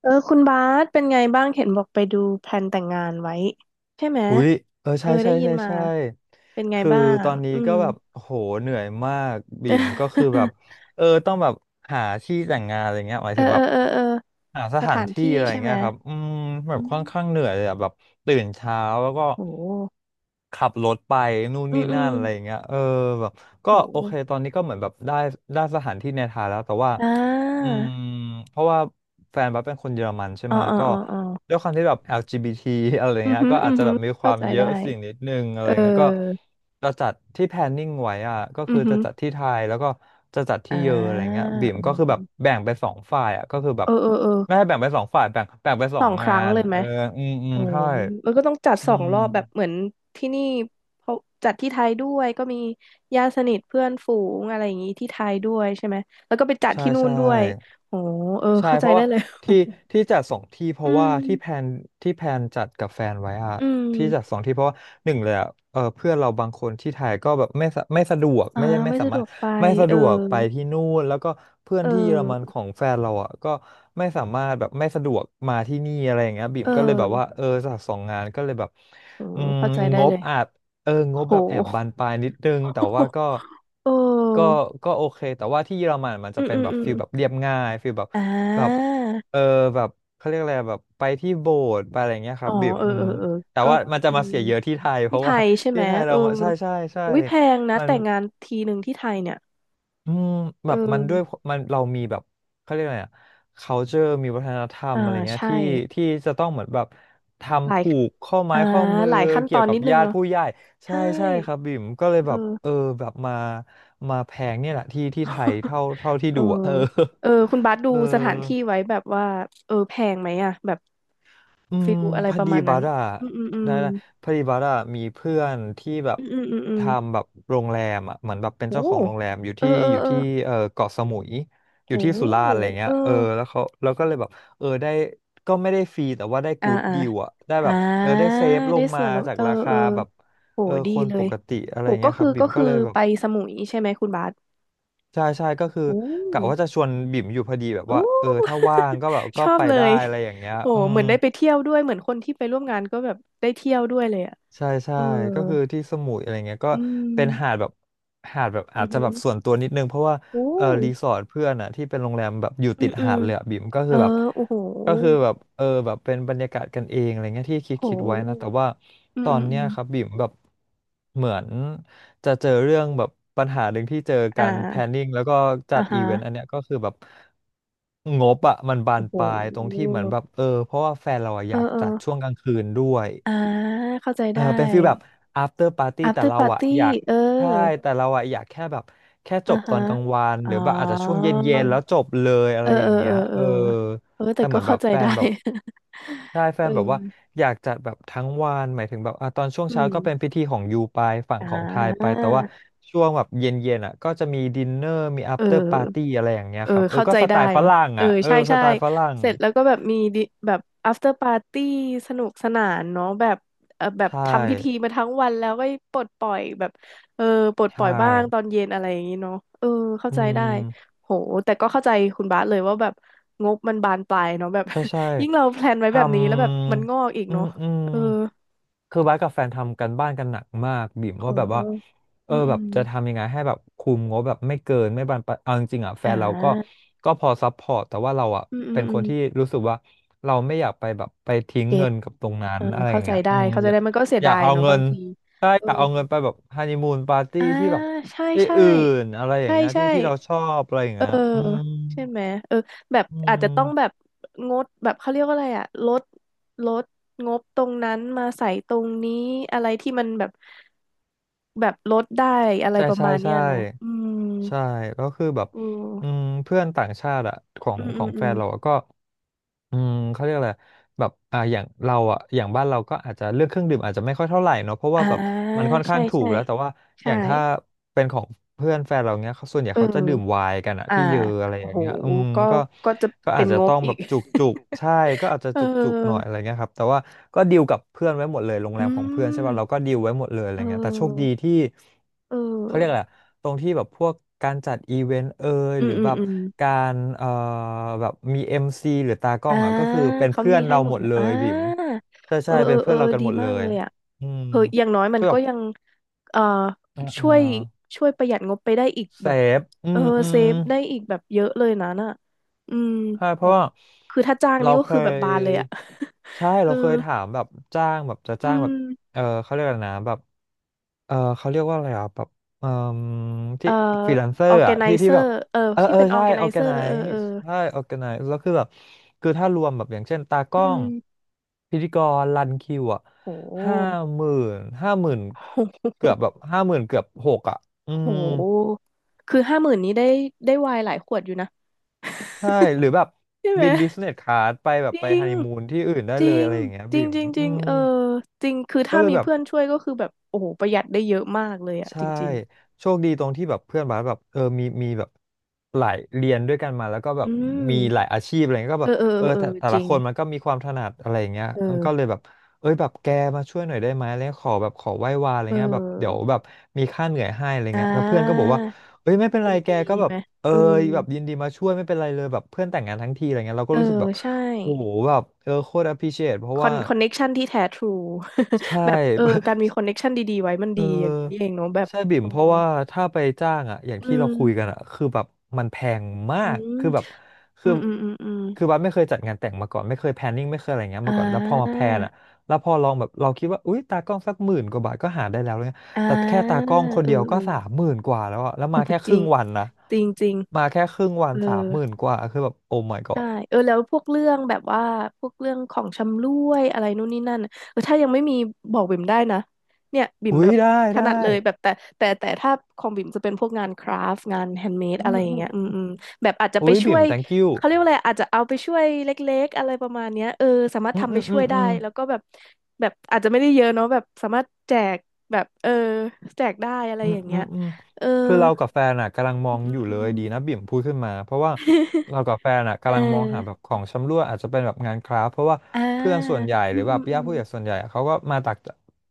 เออคุณบาสเป็นไงบ้างเห็นบอกไปดูแพลนแต่งงานไว้ใช่ไหมอุ๊ยเออเออใช่ได้ใช่ยินใช่มาใช่เป็นไงคือบ้าตงอนนี้อืก็ม แบบโหเหนื่อยมากบิ่มก็คือแบบ ต้องแบบหาที่แต่งงานอะไรเงี้ยหมายเออถึงเอแบอบเออเออหาสสถาถานนที่ที่อะไรใช่ไหเงี้มยครับอืมแบอืบค่อนข้างมเหนื่อยเลยอะแบบตื่นเช้าแล้วก็โหขับรถไปนู่นอืนี่มอืนั่มนอะไรอย่างเงี้ยแบบก็โอเคโหตอนนี้ก็เหมือนแบบได้สถานที่ในไทยแล้วแต่ว่าอ่อืามเพราะว่าแฟนบัสเป็นคนเยอรมันใช่อ๋อไหมอ๋อก็ อ๋ออ๋อด้วยความที่แบบ LGBT อลจีบีที อะไรอือเงี้ยหือก็อือาอจจะหืแบอบมีคเข้าวามใจเยได้อะสิ่งนิดนึงอะไรเออเงี้ยก็จะจัดที่แพลนนิ่งไว้อ่ะก็อืคืออหืจะอจัดที่ไทยแล้วก็จะจัดอ่าที่เยออะไรเงี้ยบิ่มโอ้โหก็คือแบบแบ่งเป็นสองฝ่ายอ่ะก็คือแบเอบอเออเออไม่ให้แบ่งเป็นสองฝ่ายแบ่งเป็นสสอองงคงารั้งนเลยไหเอม ออืมอืมโอ๋อใช่มันก็ต้องจัดอืสองมรอบแบบเหมือนที่นี่เขาจัดที่ไทยด้วยก็มีญาติสนิทเพื่อนฝูงอะไรอย่างงี้ที่ไทยด้วยใช่ไหมแล้วก็ไปจัดใช่ที่นู่นใช่ ด้วยโอ้เออใช่เข้าเพใจราะได้ว่าเลย ที่ที่จัดสองที่เพ อืราะว่ามที่แพลนจัดกับแฟนไว้อะอืที่จัดมสองที่เพราะว่าหนึ่งเลยอะเออเพื่อนเราบางคนที่ไทยก็แบบไม่สะดวกอ่าไม่ไม่สาสะดมารวถกไปไม่สะเอดอวกไปที่นู่นแล้วก็เพื่อนเอที่เยอรมันอของแฟนเราอะก็ไม่สามารถแบบไม่สะดวกมาที่นี่อะไรอย่างเงี้ยบิ่มเออก็เลยแบบว่าเออจัดสองงานก็เลยแบบโอ้อืมเข้าใจได้งเลบยอาจ งบโห แบบแอบบานปลายนิดนึงแต่ว่าก็ เอก็อก็โอเคแต่ว่าที่เยอรมันมันอืจะมเป็นอืมแบบอืมฟิลแบบเรียบง่ายฟิลแบบอ่แบบาเออแบบเขาเรียกอะไรแบบไปที่โบสถ์ไปอะไรเงี้ยคอ๋อรับแบบเอออืเอมอเออแต่ก็ว่ามันจะอืมาม เสียเยอะที่ไทยเพที่ราะไทว่า ยใช่ ไหที่มไทยเอเราอมาใช่ใช่ใช่อุ้ยแพงนะมัน แต่งานทีหนึ่งที่ไทยเนี่ยอืมเอแบบมันด้วยอเรามีแบบเขาเรียกอะไรอะ culture มีวัฒนธรรอ่ามอะไรเงี้ยใช่ที่จะต้องเหมือนแบบทหำลายผูกข้อไม้อ่าข้อมือหลายขั้นตเกี่อยวนกันิบดนึงญาติเนาะผู้ใหญ่ใช่ใช่ใช่ครับบิ่มก็เลยเอแบบเอออแบบมาแพงเนี่ยแหละที่ไทยเท่าที่เออดูอะเออ เออคุณบาส ดูเออ สถานที่ไว้แบบว่าเออแพงไหมอะแบบอืมฟิลอะไรพอประดีมาณนั้บันสอะอืมอืมอืมได้พอดีบัสอะมีเพื่อนที่แบบอืมอืมอืมอืมทำแบบโรงแรมอะเหมือนแบบเป็นโอ้เจ้าของโรงแรมเออเอออยู่เออที่เออเกาะสมุยอโหยู่ที่สุราษฎร์อะไรเงี้เอยอเออแล้วก็เลยแบบเออได้ก็ไม่ได้ฟรีแต่ว่าได้อ่ากู๊ดอ่าดีลอะได้อ่แบบเออาได้เซฟลได้งส่มาวนแล้วจากเออราเอคาอ แบบโหเออดีคนเลปยกติอะไรโหก็เงี้ยคคือรับบิ่ก็มก็คือเลยแบไปบสมุยใช่ไหมคุณบาสใช่ใช่ก็คืออืกะว่าจะมชวนบิ่มอยู่พอดีแบบโอ้ ว่าเออถ้าว่างก็แบบ ชก็อบไปเลได้ยอะไรอย่างเงี้ยโหอืเหม มือนได้ไปเที่ยวด้วยเหมือนคนที่ไปร่วมงานก็แบบได้เที่ยวด้วยเลยอ่ะใช่ใช่เออก็คือที่สมุยอะไรเงี้ยก็อืเป็นหาดมแบบอือาอจจะหืแบอบส่วนตัวนิดนึงเพราะว่าโอ้เออรีสอร์ทเพื่อนอ่ะที่เป็นโรงแรมแบบอยู่อืติมดอืหามดเลยอ่ะบิ่มก็เอคืออแบบโอ้โหเออแบบเป็นบรรยากาศกันเองอะไรเงี้ยที่คิดโไว้นะแต่หว่าอืตมออืนมอืเนี้ยมครับบิ่มแบบเหมือน จะเจอเรื่องแบบปัญหาหนึ่งที่เจออ่การแพนนิ่างแล้วก็จัอ่าดอีฮะเวนต์อันเนี้ยก็คือแบบงบอะมันบาโอ้นโหปลายตรงที่เหมือนแบบเออเพราะว่าแฟนเราอะเออยากอเออจัดช่วงกลางคืนด้วยอ่าเข้าใจเออได้ เป็นฟีลแบบ after party แต่ after เราอะ party อยากเออใช่แต่เราอะอยากแค่แบบแค่จอ่าบตฮะอนกลางวันอ๋หอ รือแบบอาจจะช่วงเย็นๆแล้วจบเลยอะเอไรออเอย่าองเงี้เอยอเอเอออ เออแต่แต่เหก็มือนแบเข้าบใจแฟได้ นแบบ ใช่แฟเอนแบบว่าออยากจัดแบบทั้งวันหมายถึงแบบอ่ะตอนช่วงอืเช้าก็เป็นพิมธีของยูไปฝั่งอ่ของไทยไปาแต่ว่าช่วงแบบเย็นๆอ่ะก็จะมีดินเนอร์มีอัเอฟเตอร์ปาร์ตี้ออะไรอย่างเงี้ยเออครับเออเข้าก็ใจสไตได้ล์ฝเนาะรั่งเอออ่ะเออใช่สใช่ไตล์ฝรั่งเสร็จแล้วก็แบบมีดิแบบ after party สนุกสนานเนาะแบบเออแบบใช่ทำพิธีมาทั้งวันแล้วก็ปลดปล่อยแบบเออปลดปล่ใช่อยบ้างตอนเย็นอะไรอย่างนี้เนาะเออเข้าอืใจได้ม โหแต่ก็เข้าใจคุณบาสเลยว่าแบบงบมันบานปลายเนาะแบบ ใช่ใช่ ยิ่งเราแพลนไว้ทแบบนี้แล้วแบบมันงอกอีกำอืเนาะมอืมเออ คือบ้าสกับแฟนทำกันบ้านกันหนักมากบิ่มขอว่างแบบอืว่ามเอออืแบบมจะทำยังไงให้แบบคุมงบแบบไม่เกินไม่บานปลายเอาจริงๆอ่ะแฟอ่นเราก็าพอซัพพอร์ตแต่ว่าเราอ่ะอืมอืมเป็นอืคมนที่รู้สึกว่าเราไม่อยากไปแบบไปทิ้งเก็เงิตนกับตรงนั้เอนออะไรอเข้าย่างใจเงี้ยได้อืมเข้าใจอยากได้มันก็เสียอดายากยเอาเนาะเงิบางนทีใช่เอออยากเอาเงินไปแบบฮันนีมูนปาร์ตี้อ่าที่แบบใช่ที่ใช่อื่นอะไรอย่าใช่งเงี้ยใช่ที่เราชอบอะไรอย่างเออเงี้ยอืมใช่ไหมเออแบบอือาจจะต้องแบม บงดแบบเขาเรียกว่าอะไรอะลดลดงบตรงนั้นมาใส่ตรงนี้อะไรที่มันแบบแบบลดได้อะไรใช่ประใช่มาณเนี้ใช่ยเนาะอืมใช่แล้วคือแบบอืออืมเพื่อนต่างชาติอะขออืงมขอือมงอืแฟมนเราอะก็เขาเรียกอะไรแบบอย่างเราอะอย่างบ้านเราก็อาจจะเลือกเครื่องดื่มอาจจะไม่ค่อยเท่าไหร่เนาะเพราะว่าอ่าแบบมันค่อนใช่ข้างถูกใช่แล้วแต่ว่าอใช่ย่างถ้าเป็นของเพื่อนแฟนเราเนี้ยเขาส่วนใหญ่เอเขาจะดื่มไวอ น์กันอะอ่าที่เยอะอะไรอย่าโหงเงี้ยอืมก็ก็ก็จะก็เป็อานจจะงบต้องอีแบก บจุก จุกใช่ก็อาจจะเอจุกจุกหน่อยออะไรเงี้ยครับแต่ว่าก็ดีลกับเพื่อนไว้หมดเลยโรงแรอืมของเพื่อนใช่มป่ะเราก็ดีลไว้หมดเลยอะเไรเงี้ยแต่โชคดีออที่ เอเขาเรียกอะอไรอะตรงที่แบบพวกการจัดอีเวนต์เอ่ยอืหมรืออืมแบบอืมการแบบมีเอ็มซีหรือตากล้ออ่างอ่ะก็คือเป็นเขาเพื่อมีนให้เราหมหดมดเลยเลอ่ายบิ๋มใช่เออใช่เออเป็นเอเพื่ออนเรากันดีหมดเลมากเลยยอ่ะอืมเอออย่างน้อยมัก็นแบก็บยังเอ่อเอ่าช่อ่าวยช่วยประหยัดงบไปได้อีกเซแบบฟอืเออมอืเซมฟได้อีกแบบเยอะเลยนะน่ะอืมใช่เพโอ้ราะว่าคือถ้าจ้างเรานี่ก็เคคือแบบยบานเลยอ่ะ ใช่ เอเราอเคยถามแบบจ้างแบบจะอืจ้างแบบม เออเขาเรียกอะไรนะแบบ เออเขาเรียกว่าอะไรอ่ะแบบเอ่อที่เอ่อฟรีแลนเซอออร์ร์แกอ่ะไนที่เซที่อแบบร์เออเออที่เออเป็นออใช่ร์แกไนออแกเซอไนร์เออซเออ์ใช่ออแกไนซ์แล้วคือแบบคือถ้ารวมแบบอย่างเช่นตากอืล้องมพิธีกรรันคิวอ่ะโห้าหหมื่นห้าหมื่นโหเกือบแบบห้าหมื่นเกือบหกอ่ะอืโมหคือห้าหมื่นนี้ได้ได้ไวน์หลายขวดอยู่นะใช่หรือแบบใช่ไหมบินบิสเนสคลาสไปแบจบริไปฮังนนีมูนที่อื่นได้จเลริยงอะไรอย่างเงี้ยจบีริงมจริงจอืริงมเออจริงคือก็ถ้าเลยมีแบบ เพื่อนช่วยก็คือแบบโอ้โหประหยัดได้เยอะมากเลยอะจใช่ริงโชคดีตรงที่แบบเพื่อนบาสแบบเออมีแบบหลายเรียนด้วยกันมาแล้วก็แบๆอืบมมีหลายอาชีพอะไรเงี้ยก็เอแบอบเออเออเออแต่เออแต่จละริงคนมันก็มีความถนัดอะไรอย่างเงี้ยเอก็เลยอแบบเอ้ยแบบแกมาช่วยหน่อยได้ไหมอะไรเงี้ยขอแบบขอไหว้วานอะไรเเงี้ยแบบเดี๋ยวออแบบมีค่าเหนื่อยให้อะไรอ่เงี้ยแล้วเพื่อนก็บอากว่าเอ้ยไม่เป็นยิไรนแกดีก็แบไหมบเออเออแบบยินดีมาช่วยไม่เป็นไรเลยแบบเพื่อนแต่งงานทั้งทีอะไรเงี้ยเราเอก็อรู้สึกแบบใช่ โหแบบเออโคตร appreciate เพคราะอว่านคอนเน็กชันที่แท้ทรู ใช่ แบบเออการ มีคอนเน็กชันดีๆไว้มันเอดีอย่างนี้นี่เอองเนาะแบบใช่บิ่โมเพราะว่าถ้าไปจ้างอ่ะอย่างออืที่เรามคุยกันอ่ะคือแบบมันแพงมาอืกคือแบบมอืคือมอืมอืมอืมคือบัสไม่เคยจัดงานแต่งมาก่อนไม่เคยแพลนนิ่งไม่เคยอะไรเงี้ยอ่มาก่อนแล้วพอมาแพาลนอ่ะแล้วพอลองแบบเราคิดว่าอุ้ยตากล้องสัก10,000 กว่าบาทก็หาได้แล้วเลยอ่แต่แค่าตาเอกล้อองคนเอเดียวก็สามอหมื่นกว่าแล้วอ่ะแล้วมาแค่คจริรึ่งงวันนะจริงจริงมาแค่ครึ่งวันเออ สามหมื่นกว่าคือแบบโอ้ my ใช่ god เออแล้วพวกเรื่องแบบว่าพวกเรื่องของชำร่วยอะไรนู่นนี่นั่นน่ะเออถ้ายังไม่มีบอกบิ่มได้นะเนี่ยบิ่มอุ้แบยบได้ถได้นัดเลยแบบแต่แต่ถ้าของบิ่มจะเป็นพวกงานคราฟต์งานแฮนด์เมดอือะไรมอย่างอืมเงี้ยอืมอือมแบบอาจจะไปุ้ยช่บิ่วม ย thank you เขาเรียกว่าอะไรอาจจะเอาไปช่วยเล็กๆอะไรประมาณเนี้ยเออสามารถอืมทำอืไปมอืช่วมยอืได้ม แล้วก็แบบแบบอาจจะไม่ได้เยอะเนาะแบบสามารถแจกแบบเออแจกได้อะไรอือมย่างอืเงี้ยมอืมเออคือเรากับแฟนอ่ะกำลังมออืมงอือมยู่อืเลม ยดีนะบิ่มพูดขึ้นมาเพราะว่า เรากับแฟนอ่ะเอกำลังมองหาแบบอของชำร่วยอาจจะเป็นแบบงานคราฟต์เพราะว่าอ่าเพื่อนส่วนใหญ่หอืรือมแบอืบมอืญาติม ผู้ใหญ่ส่วนใหญ่อะเขาก็มาจาก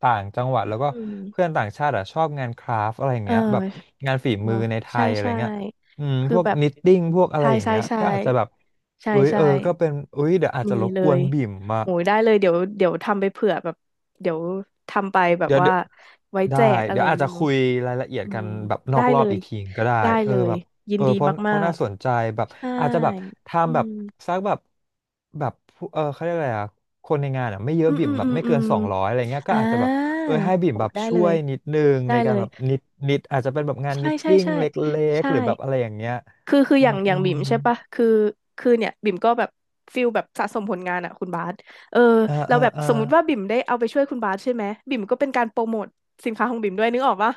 ต่างจังหวัดแล้วก็อืมเพื่อนต่างชาติอ่ะชอบงานคราฟต์อะไรอย่างเออเงี้ยแบบงานฝีมืเนาะอในไทใช่ยอะไรใช่เงี้ยอืมคือพวกแบบนิตติ้งพวกอะไรใช่อย่างใช่เงี้ยใช่ก็อาจจะแบบใช่อุ้ยใช่เออก็เป็นอุ้ยเดี๋ยวอาจมีจะรบเลกวยนบิ่มมา โหยได้เลยเดี๋ยวเดี๋ยวทำไปเผื่อแบบเดี๋ยวทำไปแบบเดี๋ยวว่าเดี๋ยวไว้ได้แจกอะไรเดี๋ยวอย่าอางจจะนี้คุเนาะยรายละเอียดอืกัมนแบบนอได้กรอเลบยอีกทีก็ได้ได้เอเลอยแบบยินเออดีเพราะเพมาราะกน่าสนใจแบบๆใช่อาจจะแบบอืทำแบบมสักแบบแบบผู้เออเขาเรียกอะไรอ่ะคนในงานอ่ะไม่เยอือะมบิ่อืมมแบอืบมไม่อืเกินม200อะไรเงี้ยอ่ก็อาจจะแบบาเออให้บิ่มโหแบบได้ช่เลวยยนิดนึงได้ในกาเลรยแบบนิดนิดอาจจะเป็นแบบงานใช่นิตใช่ติ้งใช่เล็กใช่ ๆหรือแบบอะไรอย่างเงี้ยคืออือย่ามงออืย่างมบิ่มใช่ปะคือคือเนี่ยบิ่มก็แบบฟิลแบบสะสมผลงานอะคุณบาสเอออ่าแล้วอ่าแบบอ่าสมมุติว่าบิ่มได้เอาไปช่วยคุณบาสใช่ไหมบิ่มก็เป็นการโปรโมทสินค้าของบิ่มด้วยนึกออกปะ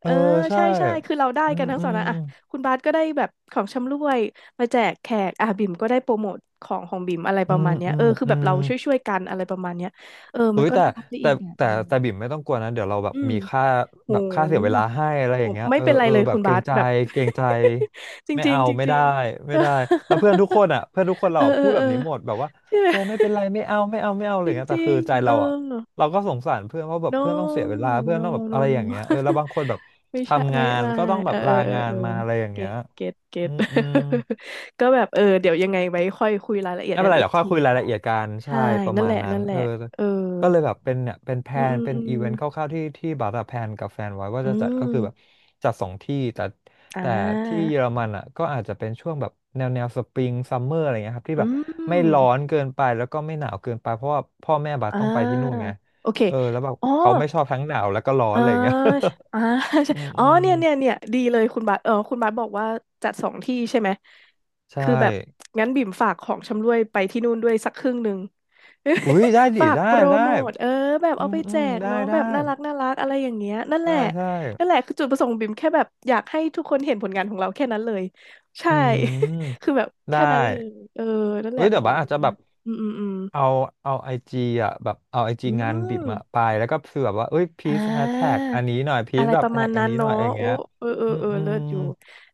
เอเอออใช่ใช่ใช่คือเราได้อืกัมนทั้งอืสองมนะอะคุณบาสก็ได้แบบของชำร่วยมาแจกแขกอ่ะบิ่มก็ได้โปรโมทของบิ่มอะไรปอืระมมาณเนี้ยอืเออมคืออืแบบม เราช่วยช่วยกันอะไรประมาณเนี้ยเออมัเฮ้นยก็แต่น่ารักได้อีแต่กแบบอะไรอย่างเงี้ยบิ่มไม่ต้องกลัวนะเดี๋ยวเราแบบอืมมีค่าโห แบบค่าเสียเวลาให้อะไรผอย่างมเงี้ยไม่เออเป็นไรเออเลยแบคุบณเกรบางสใจแบบ เกรงใจ จไม่ริงเอาๆจไม่ริได้งๆ ไม่ได้แล้วเพื่อนทุกคนอ่ะเพื่อนทุกคน เอเราออะเอพูอดแบเอบอ นี้หมดแบบว่า ใช่ไหมแกไม่เป็นไรไม่เอาไม่เอาไม่เอาอะไรจอย่างเงี้ยแต่ริคืองใจๆเออ เราอ่ะเราก็สงสารเพื่อนเพราะแบบเพื่อนต้องเสีย no เวลาเพื่อนต้ no องแบบ no อะไร no อย่างเงี้ no ยเออแล้วบางคนแบบ ไม่ใช่ทำไม่งานไม่ก็ต้องแบเออบเอลาอเอองาเอนอมาอะไรอย่างเก็เงี้ยตเก็ ตเก็อืต มอืม ก็แบบเออเดี๋ยวยังไงไว้ค่อยคุยรายละเอียดไม่เป็นั้นนไรอีกเดี๋ยวค่อยทีคุยรายเนาะละเอียดกันใช่ใช่ประนั่นมาแหณละนั้นนั่นแหเอละอเออก็เลยแบบเป็นเนี่ยเป็นแพลอืมอืนมเป็นอืมอีเวนต์คร่าวๆที่ที่บัตรแพลนกับแฟนไว้ว่าอืจะจัดก็คือแบบมจัดสองที่แต่อ่แต่ที่าเยอรมันอ่ะก็อาจจะเป็นช่วงแบบแนวแนวสปริงซัมเมอร์อะไรเงี้ยครับที่อืแบบไม่ร้มอนเกินไปแล้วก็ไม่หนาวเกินไปเพราะว่าพ่อแม่บาร์อ่ต้องไปที่นู่นาไงโอเคเออแล้วแบบอ๋อ เขาไม่ชอบทั้งหนาวแล้วก็ร้อนอ่าอะไรเงี้ย อ่า ใช่อืมอ๋ออืมเนี่ยเนี่ยเนี่ยดีเลยคุณบาสเออคุณบาสบอกว่าจัดสองที่ใช่ไหมใช่คือแบบงั้นบิ่มฝากของชำร่วยไปที่นู่นด้วยสักครึ่งหนึ่ง อุ้ย ได้ดิฝากได้โปรได้โมทเออแบบอืเอามไปอืแจมกได้เนาะได้แบบน่ารักน่ารักอะไรอย่างเงี้ยนั่นแหได้ละใช่ นั่นแหละคือจุดประสงค์ของบิ่มแค่แบบอยากให้ทุกคนเห็นผลงานของเราแค่นั้นเลยใช่ อื คือมแบบได้แค่นั้นเลยเออนั่นแหเฮ้ละยโอ้เดี๋ยวบ้าสดีอาจจะแบมาบกอืมอืมอืมเอาไอจีอ่ะแบบเอาไอจีอืงานบิบมามไปแล้วก็คือแบบว่าเอ้ยพีอ่า ซแฮชแท็กอันนี้หน่อยพีอะซไรแบปบระมาแท็ณกอันั้นนนี้หน่อเนาะยอะไรอย่างโอ้เงี้ยเออเอออืมเอออืเลิมศอยู่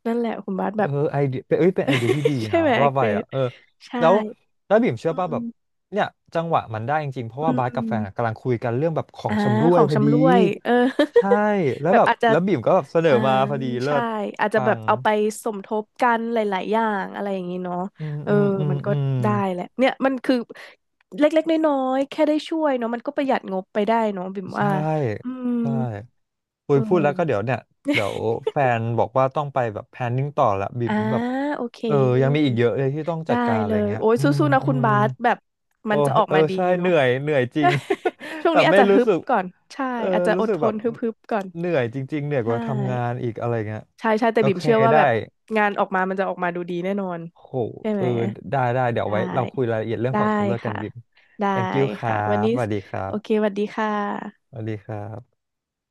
นั่นแหละคุณบาสแบเออบ ไอเดียเป็นเอ้ยเป็นไอเดียที่ดี ใช่นะไหมว่าเกไปรอ่ะดเออใช่แล้วแล้วบิ่มเชื่อป่ะอืแบบมเนี่ยจังหวะมันได้จริงๆเพราะอืว่ามบาอืสมกัอบแฟมนอะกำลังคุยกันเรื่องแบบขออ่างชำร่ขวยองพอดีชำร่วยเออ ใช่แล้ วแบบแบบอาจจะแล้วบิ่มก็แบบเสนออ่ามาพอดีเลิใช่ศอาจจะปัแบบงเอาไปสมทบกันหลายๆอย่างอะไรอย่างนี้เนาะอืมเอออืมอืมมันก็อืม ได้แหละเนี่ยมันคือเล็กๆน้อยๆแค่ได้ช่วยเนาะมันก็ประหยัดงบไปได้เนาะบิ่มใช่ว่าอืมใช่อุเอยพูดแล้วก็เดี๋ยอวเนี่ยเดี๋ยวแฟนบอกว่าต้องไปแบบแพลนนิ่งต่อละบิ่มอ่าแบบโอเค เออยังมีอีกเยอะเลยที่ต้องจัได้ดการอะเลไรยเงี้ยโอ้ยอืมสู้ๆนะอืคุณมบาสแบบมัโอ้นจะยออกเออมาดีใช่เหเนาะ นื่อยเหนื่อยจริง ช่ วงแบนี้บอาจไม่จะรู้ฮึบสึกก่อนใช่เอออาจจะอรู้ดสึกทแบนบฮึบๆก่อนเหนื่อยจริงๆเหนื่อยกใช่ว่าทำงานอีกอะไรเงี้ยใช่ใช่แต่โอบิ่มเคเชื่อว่าได้แบบงานออกมามันจะออกมาดูดีแน่นอนโหใช่เอไหมอได้ได้เดี๋ยวได้ไว้เราคุยรายละเอียดเรื่องได้ของชำเลือกกัค่ะนบิ่ม ได้ thank you ครัค่ะวันบนี้สวัสดีครัโอเคบสวัสดีค่ะสวัสดีครับ